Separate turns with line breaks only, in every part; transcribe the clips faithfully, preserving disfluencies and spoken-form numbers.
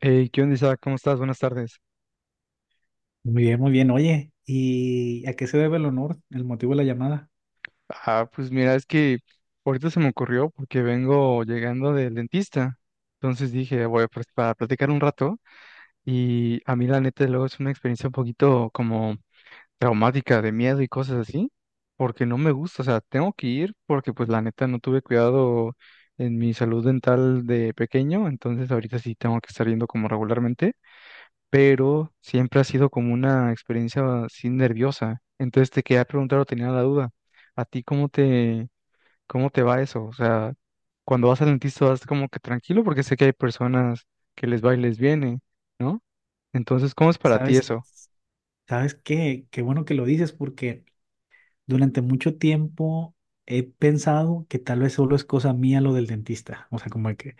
Hey, ¿qué onda, Isaac? ¿Cómo estás? Buenas tardes.
Muy bien, muy bien. Oye, ¿y a qué se debe el honor, el motivo de la llamada?
Ah, pues mira, es que ahorita se me ocurrió porque vengo llegando del dentista. Entonces dije, voy a pl- para platicar un rato. Y a mí, la neta, luego es una experiencia un poquito como traumática, de miedo y cosas así, porque no me gusta. O sea, tengo que ir porque, pues, la neta, no tuve cuidado en mi salud dental de pequeño. Entonces, ahorita sí tengo que estar yendo como regularmente, pero siempre ha sido como una experiencia así nerviosa. Entonces te quería preguntar o tenía la duda, ¿a ti cómo te, cómo te va eso? O sea, cuando vas al dentista vas como que tranquilo porque sé que hay personas que les va y les viene, ¿no? Entonces, ¿cómo es para ti
¿Sabes,
eso?
sabes qué? Qué bueno que lo dices porque durante mucho tiempo he pensado que tal vez solo es cosa mía lo del dentista. O sea, como que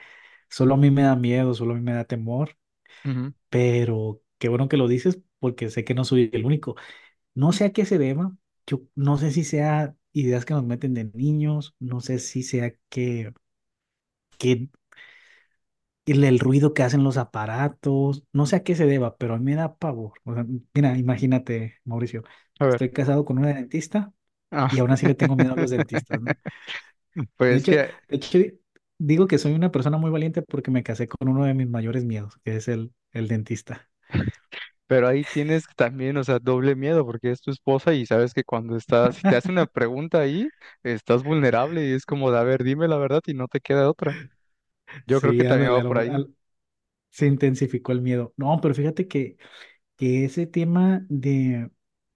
solo a mí me da miedo, solo a mí me da temor,
Ujú.
pero qué bueno que lo dices porque sé que no soy el único. No sé a qué se deba. Yo no sé si sea ideas que nos meten de niños, no sé si sea que... que el, el ruido que hacen los aparatos, no sé a qué se deba, pero a mí me da pavor. O sea, mira, imagínate, Mauricio,
A ver.
estoy casado con una dentista
Ah,
y aún así le tengo miedo a los dentistas, ¿no?
pues
De
es
hecho,
que,
de hecho, di- digo que soy una persona muy valiente porque me casé con uno de mis mayores miedos, que es el, el dentista.
pero ahí tienes también, o sea, doble miedo porque es tu esposa y sabes que cuando estás, si te hace una pregunta ahí, estás vulnerable y es como de, a ver, dime la verdad y no te queda otra. Yo creo
Sí,
que también
ándale,
va
a
por
lo-
ahí.
al- se intensificó el miedo. No, pero fíjate que, que ese tema de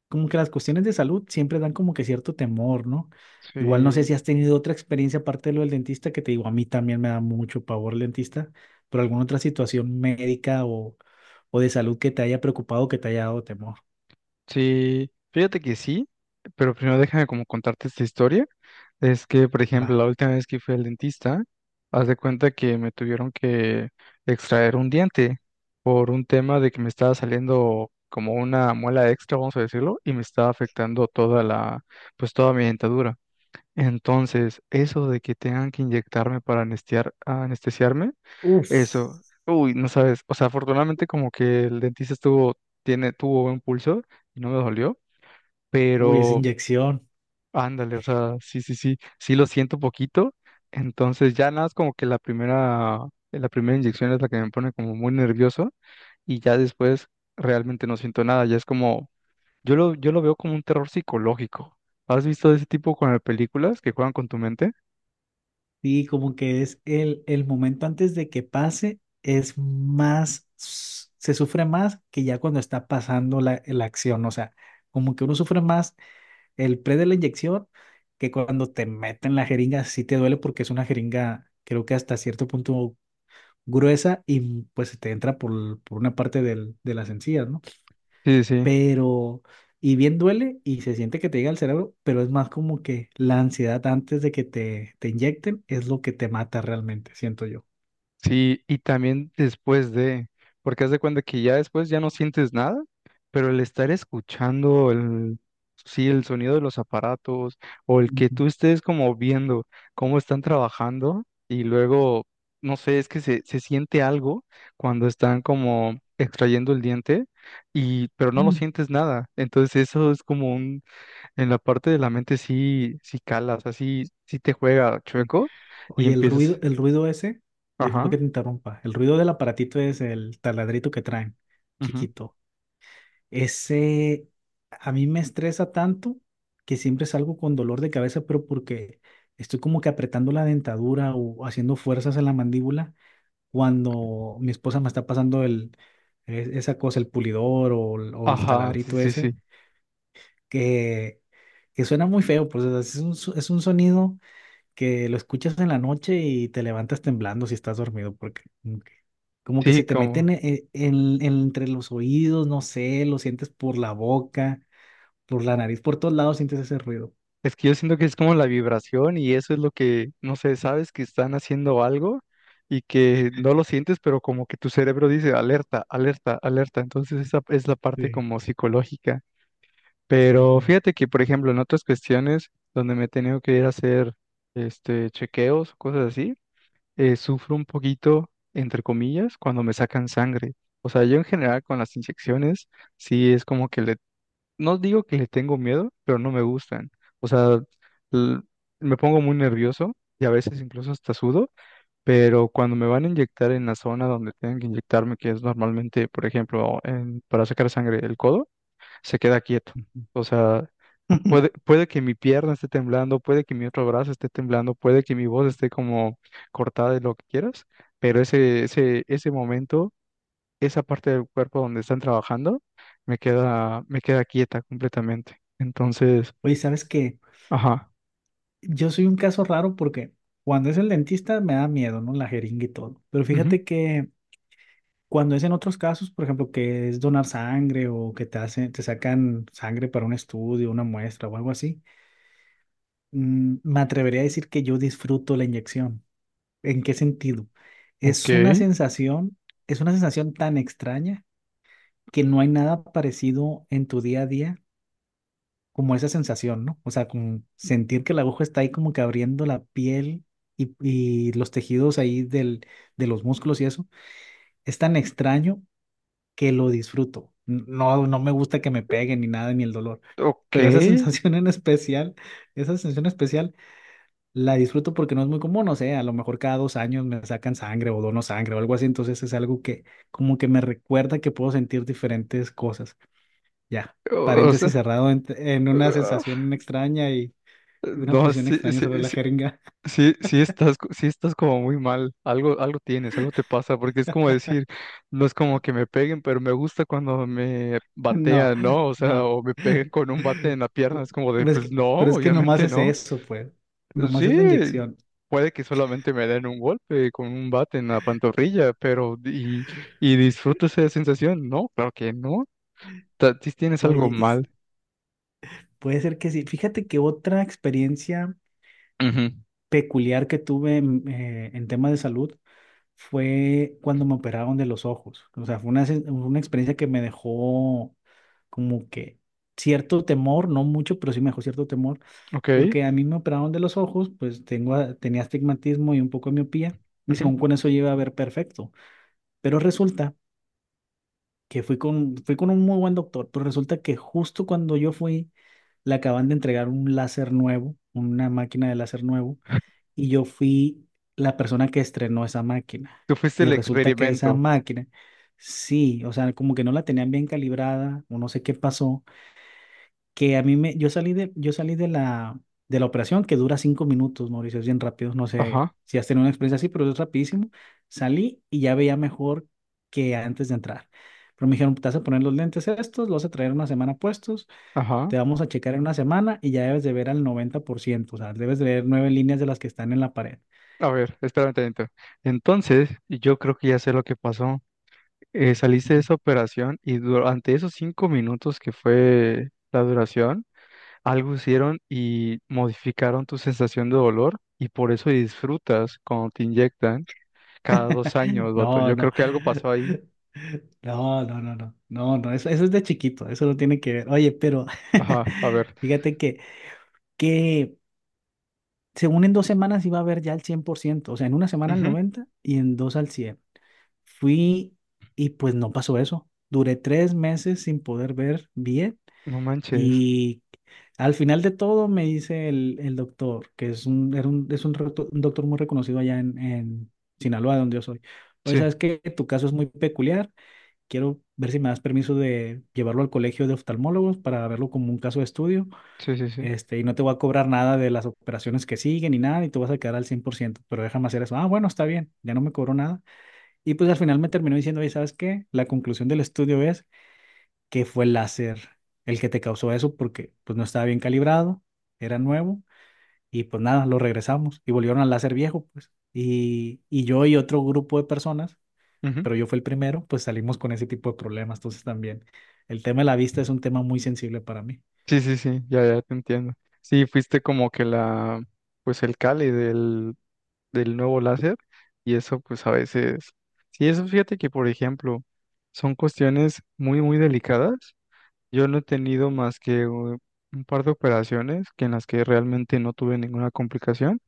como que las cuestiones de salud siempre dan como que cierto temor, ¿no? Igual no sé
Sí,
si has tenido otra experiencia aparte de lo del dentista, que te digo, a mí también me da mucho pavor el dentista, pero alguna otra situación médica o, o de salud que te haya preocupado, que te haya dado temor.
sí, fíjate que sí, pero primero déjame como contarte esta historia. Es que, por
Va.
ejemplo, la última vez que fui al dentista, haz de cuenta que me tuvieron que extraer un diente por un tema de que me estaba saliendo como una muela extra, vamos a decirlo, y me estaba afectando toda la, pues toda mi dentadura. Entonces, eso de que tengan que inyectarme para anestear- anestesiarme,
Uf,
eso, uy, no sabes, o sea, afortunadamente como que el dentista estuvo, tiene, tuvo buen pulso y no me dolió,
uy, esa
pero
inyección.
ándale, o sea, sí, sí, sí, sí lo siento poquito, entonces ya nada, es como que la primera, la primera inyección es la que me pone como muy nervioso y ya después realmente no siento nada, ya es como, yo lo, yo lo veo como un terror psicológico. ¿Has visto ese tipo con las películas que juegan con tu mente?
Sí, como que es el, el momento antes de que pase, es más, se sufre más que ya cuando está pasando la, la acción. O sea, como que uno sufre más. El pre de la inyección, que cuando te meten la jeringa sí te duele porque es una jeringa, creo que hasta cierto punto gruesa y mm, pues se te entra por, l- por una parte del, de las encías, ¿no?
Sí, sí, sí.
Pero, y bien duele y se siente que te llega al cerebro, pero es más como que la ansiedad antes de que te, te inyecten es lo que te mata realmente, siento yo.
Sí, y también después de, porque haz de cuenta que ya después ya no sientes nada, pero el estar escuchando el, sí, el sonido de los aparatos o el que
Ujú.
tú estés como viendo cómo están trabajando y luego, no sé, es que se, se siente algo cuando están como extrayendo el diente y, pero no lo
Mm.
sientes nada. Entonces eso es como un, en la parte de la mente sí, sí calas, así, sí sí te juega
Sí.
chueco y
Oye, el
empiezas,
ruido, el ruido ese, disculpa
ajá.
que te interrumpa, el ruido del aparatito es el taladrito que traen, chiquito. Ese a mí me estresa tanto que siempre salgo con dolor de cabeza, pero porque estoy como que apretando la dentadura o haciendo fuerzas en la mandíbula cuando mi esposa me está pasando el, e- esa cosa, el pulidor o, el o el
Ajá, sí,
taladrito
sí, sí.
ese, que, que suena muy feo, pues o sea, es un, so- es un sonido que lo escuchas en la noche y te levantas temblando si estás dormido, porque como que como que
Sí,
se te meten
como.
en, en- en- entre los oídos, no sé, lo sientes por la boca, por la nariz, por todos lados sientes ese ruido.
Es que yo siento que es como la vibración y eso es lo que, no sé, sabes que están haciendo algo y que no lo sientes, pero como que tu cerebro dice alerta, alerta, alerta. Entonces esa es la parte
Sí.
como psicológica. Pero
Ujú,
fíjate que, por ejemplo, en otras cuestiones donde me he tenido que ir a hacer este chequeos, cosas así, eh, sufro un poquito, entre comillas, cuando me sacan sangre. O sea, yo en general con las inyecciones, sí es como que le no digo que le tengo miedo, pero no me gustan. O sea, l- me pongo muy nervioso y a veces incluso hasta sudo, pero cuando me van a inyectar en la zona donde tienen que inyectarme, que es normalmente, por ejemplo, en- para sacar sangre el codo, se queda quieto.
ujú.
O sea, puede, puede que mi pierna esté temblando, puede que mi otro brazo esté temblando, puede que mi voz esté como cortada de lo que quieras, pero ese, ese, ese momento, esa parte del cuerpo donde están trabajando me queda, me queda quieta completamente. Entonces,
Oye, ¿sabes qué?
ajá.
Yo soy un caso raro porque cuando es el dentista me da miedo, ¿no? La jeringa y todo. Pero
Ujú,
fíjate que cuando es en otros casos, por ejemplo, que es donar sangre o que te hacen, te sacan sangre para un estudio, una muestra o algo así, mm, me atrevería a decir que yo disfruto la inyección. ¿En qué sentido?
ok,
Es una sensación, es una sensación tan extraña que no hay nada parecido en tu día a día como esa sensación, ¿no? O sea, como sentir que la aguja está ahí como que abriendo la piel y, y los tejidos ahí del, de los músculos y eso, es tan extraño que lo disfruto. No, no me gusta que me peguen ni nada, ni el dolor,
ok.
pero esa sensación en especial, esa sensación especial la disfruto porque no es muy común, no sé, a lo mejor cada dos años me sacan sangre o dono sangre o algo así, entonces es algo que como que me recuerda que puedo sentir diferentes cosas. Ya,
O, o
paréntesis
sea,
cerrado en en una
ah,
sensación extraña y y una
no,
posición
sí,
extraña
sí,
sobre la
sí,
jeringa.
sí, sí estás, co- sí estás como muy mal. Algo, algo tienes, algo te pasa, porque es como decir, no es como que me peguen, pero me gusta cuando me
No,
batean, ¿no? O sea,
no.
o me peguen con un bate en la pierna. Es como de,
Pero es
pues
que,
no,
pero es que nomás
obviamente
es
no.
eso, pues. Nomás
Sí,
es la inyección.
puede que solamente me den un golpe con un bate en la pantorrilla, pero y, y disfruto esa sensación. No, claro que no. Ta- ti Tienes algo
Oye, y s-
mal.
puede ser que sí. Fíjate que otra experiencia
Ujú.
peculiar que tuve en, eh, en temas de salud fue cuando me operaron de los ojos. O sea, fue una, sen- una experiencia que me dejó como que cierto temor, no mucho, pero sí me dejó cierto temor,
Ok.
porque a mí me operaron de los ojos, pues tengo, a- tenía astigmatismo y un poco de miopía, y
Ujú.
según con eso yo iba a ver perfecto. Pero resulta que fui con, fui con un muy buen doctor, pero resulta que justo cuando yo fui, le acaban de entregar un láser nuevo, una máquina de láser nuevo, y yo fui la persona que estrenó esa máquina.
Tú fuiste
Y
el
resulta que esa
experimento.
máquina, sí, o sea, como que no la tenían bien calibrada, o no sé qué pasó que a mí me, yo salí de, yo salí de la, de la operación que dura cinco minutos, Mauricio, es bien rápido, no sé
Ajá,
si has tenido una experiencia así, pero es rapidísimo. Salí y ya veía mejor que antes de entrar. Pero me dijeron, te vas a poner los lentes estos, los vas a traer una semana puestos,
ajá.
te vamos a checar en una semana y ya debes de ver al noventa por ciento. O sea, debes de ver nueve líneas de las que están en la pared.
A ver, espérame tantito. Entonces, yo creo que ya sé lo que pasó. Eh, saliste de
Ujú.
esa operación y durante esos cinco minutos que fue la duración, algo hicieron y modificaron tu sensación de dolor y por eso disfrutas cuando te inyectan cada dos años, vato.
No,
Yo
no.
creo que algo pasó ahí.
No, no, no, no, no, no, eso, eso es de chiquito, eso no tiene que ver. Oye, pero
Ajá, a ver.
fíjate que según en dos semanas iba a ver ya el ciento. O sea, en una semana al
Ujú.
noventa y en dos al cien. Fui y pues no pasó eso. Duré tres meses sin poder ver bien
No manches.
y al final de todo me dice el, el doctor, que es un, era un, es un, recto- un doctor muy reconocido allá en, en Sinaloa, donde yo soy. Oye,
Sí,
sabes que tu caso es muy peculiar. Quiero ver si me das permiso de llevarlo al colegio de oftalmólogos para verlo como un caso de estudio.
sí, sí, sí.
Este, y no te voy a cobrar nada de las operaciones que siguen ni nada, y tú vas a quedar al cien por ciento, pero déjame hacer eso. Ah, bueno, está bien, ya no me cobró nada. Y pues al final me terminó diciendo, oye, ¿sabes qué? La conclusión del estudio es que fue el láser el que te causó eso porque pues no estaba bien calibrado, era nuevo, y pues nada, lo regresamos y volvieron al láser viejo, pues. Y, y yo y otro grupo de personas,
Ujú.
pero yo fui el primero, pues salimos con ese tipo de problemas. Entonces también el tema de la vista es un tema muy sensible para mí.
Sí, sí, sí, ya, ya te entiendo. Sí, fuiste como que la, pues el cali del, del nuevo láser y eso pues a veces, sí, eso fíjate que por ejemplo son cuestiones muy, muy delicadas. Yo no he tenido más que u- un par de operaciones que en las que realmente no tuve ninguna complicación,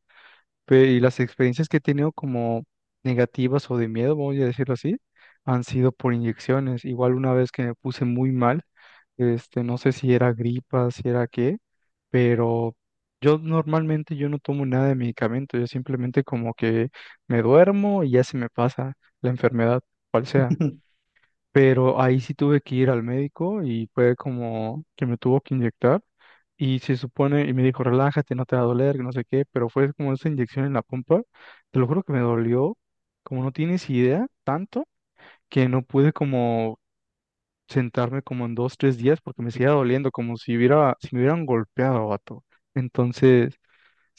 pe- y las experiencias que he tenido como negativas o de miedo, vamos a decirlo así, han sido por inyecciones. Igual una vez que me puse muy mal, este, no sé si era gripa, si era qué, pero yo normalmente yo no tomo nada de medicamento, yo simplemente como que me duermo y ya se me pasa la enfermedad, cual sea. Pero ahí sí tuve que ir al médico y fue como que me tuvo que inyectar y se supone, y me dijo, relájate, no te va a doler, que no sé qué, pero fue como esa inyección en la pompa, te lo juro que me dolió, como no tienes idea, tanto que no pude como sentarme como en dos, tres días porque me
Te
seguía doliendo, como si hubiera, si me hubieran golpeado, vato. Entonces,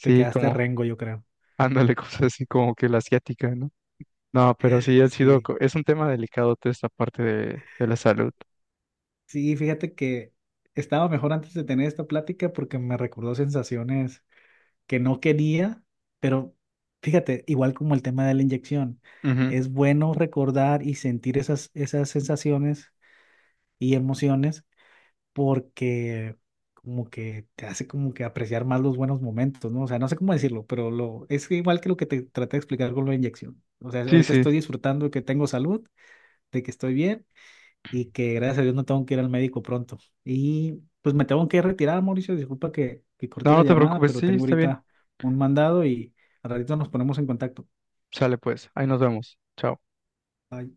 te quedaste
como,
rengo, yo creo.
ándale, cosas así como que la asiática, ¿no? No, pero sí ha sido,
Sí,
co- es un tema delicado toda esta parte de, de la salud.
sí, fíjate que estaba mejor antes de tener esta plática porque me recordó sensaciones que no quería, pero fíjate, igual como el tema de la inyección,
Ujú.
es bueno recordar y sentir esas, esas sensaciones y emociones porque como que te hace como que apreciar más los buenos momentos, ¿no? O sea, no sé cómo decirlo, pero lo, es igual que lo que te traté de explicar con la inyección. O sea,
Sí,
ahorita
sí.
estoy disfrutando de que tengo salud, de que estoy bien y que gracias a Dios no tengo que ir al médico pronto. Y pues me tengo que retirar, Mauricio, disculpa que, que
No,
corte la
no te
llamada,
preocupes,
pero
sí,
tengo
está bien.
ahorita un mandado y al ratito nos ponemos en contacto.
Sale pues, ahí nos vemos. Chao.
Bye.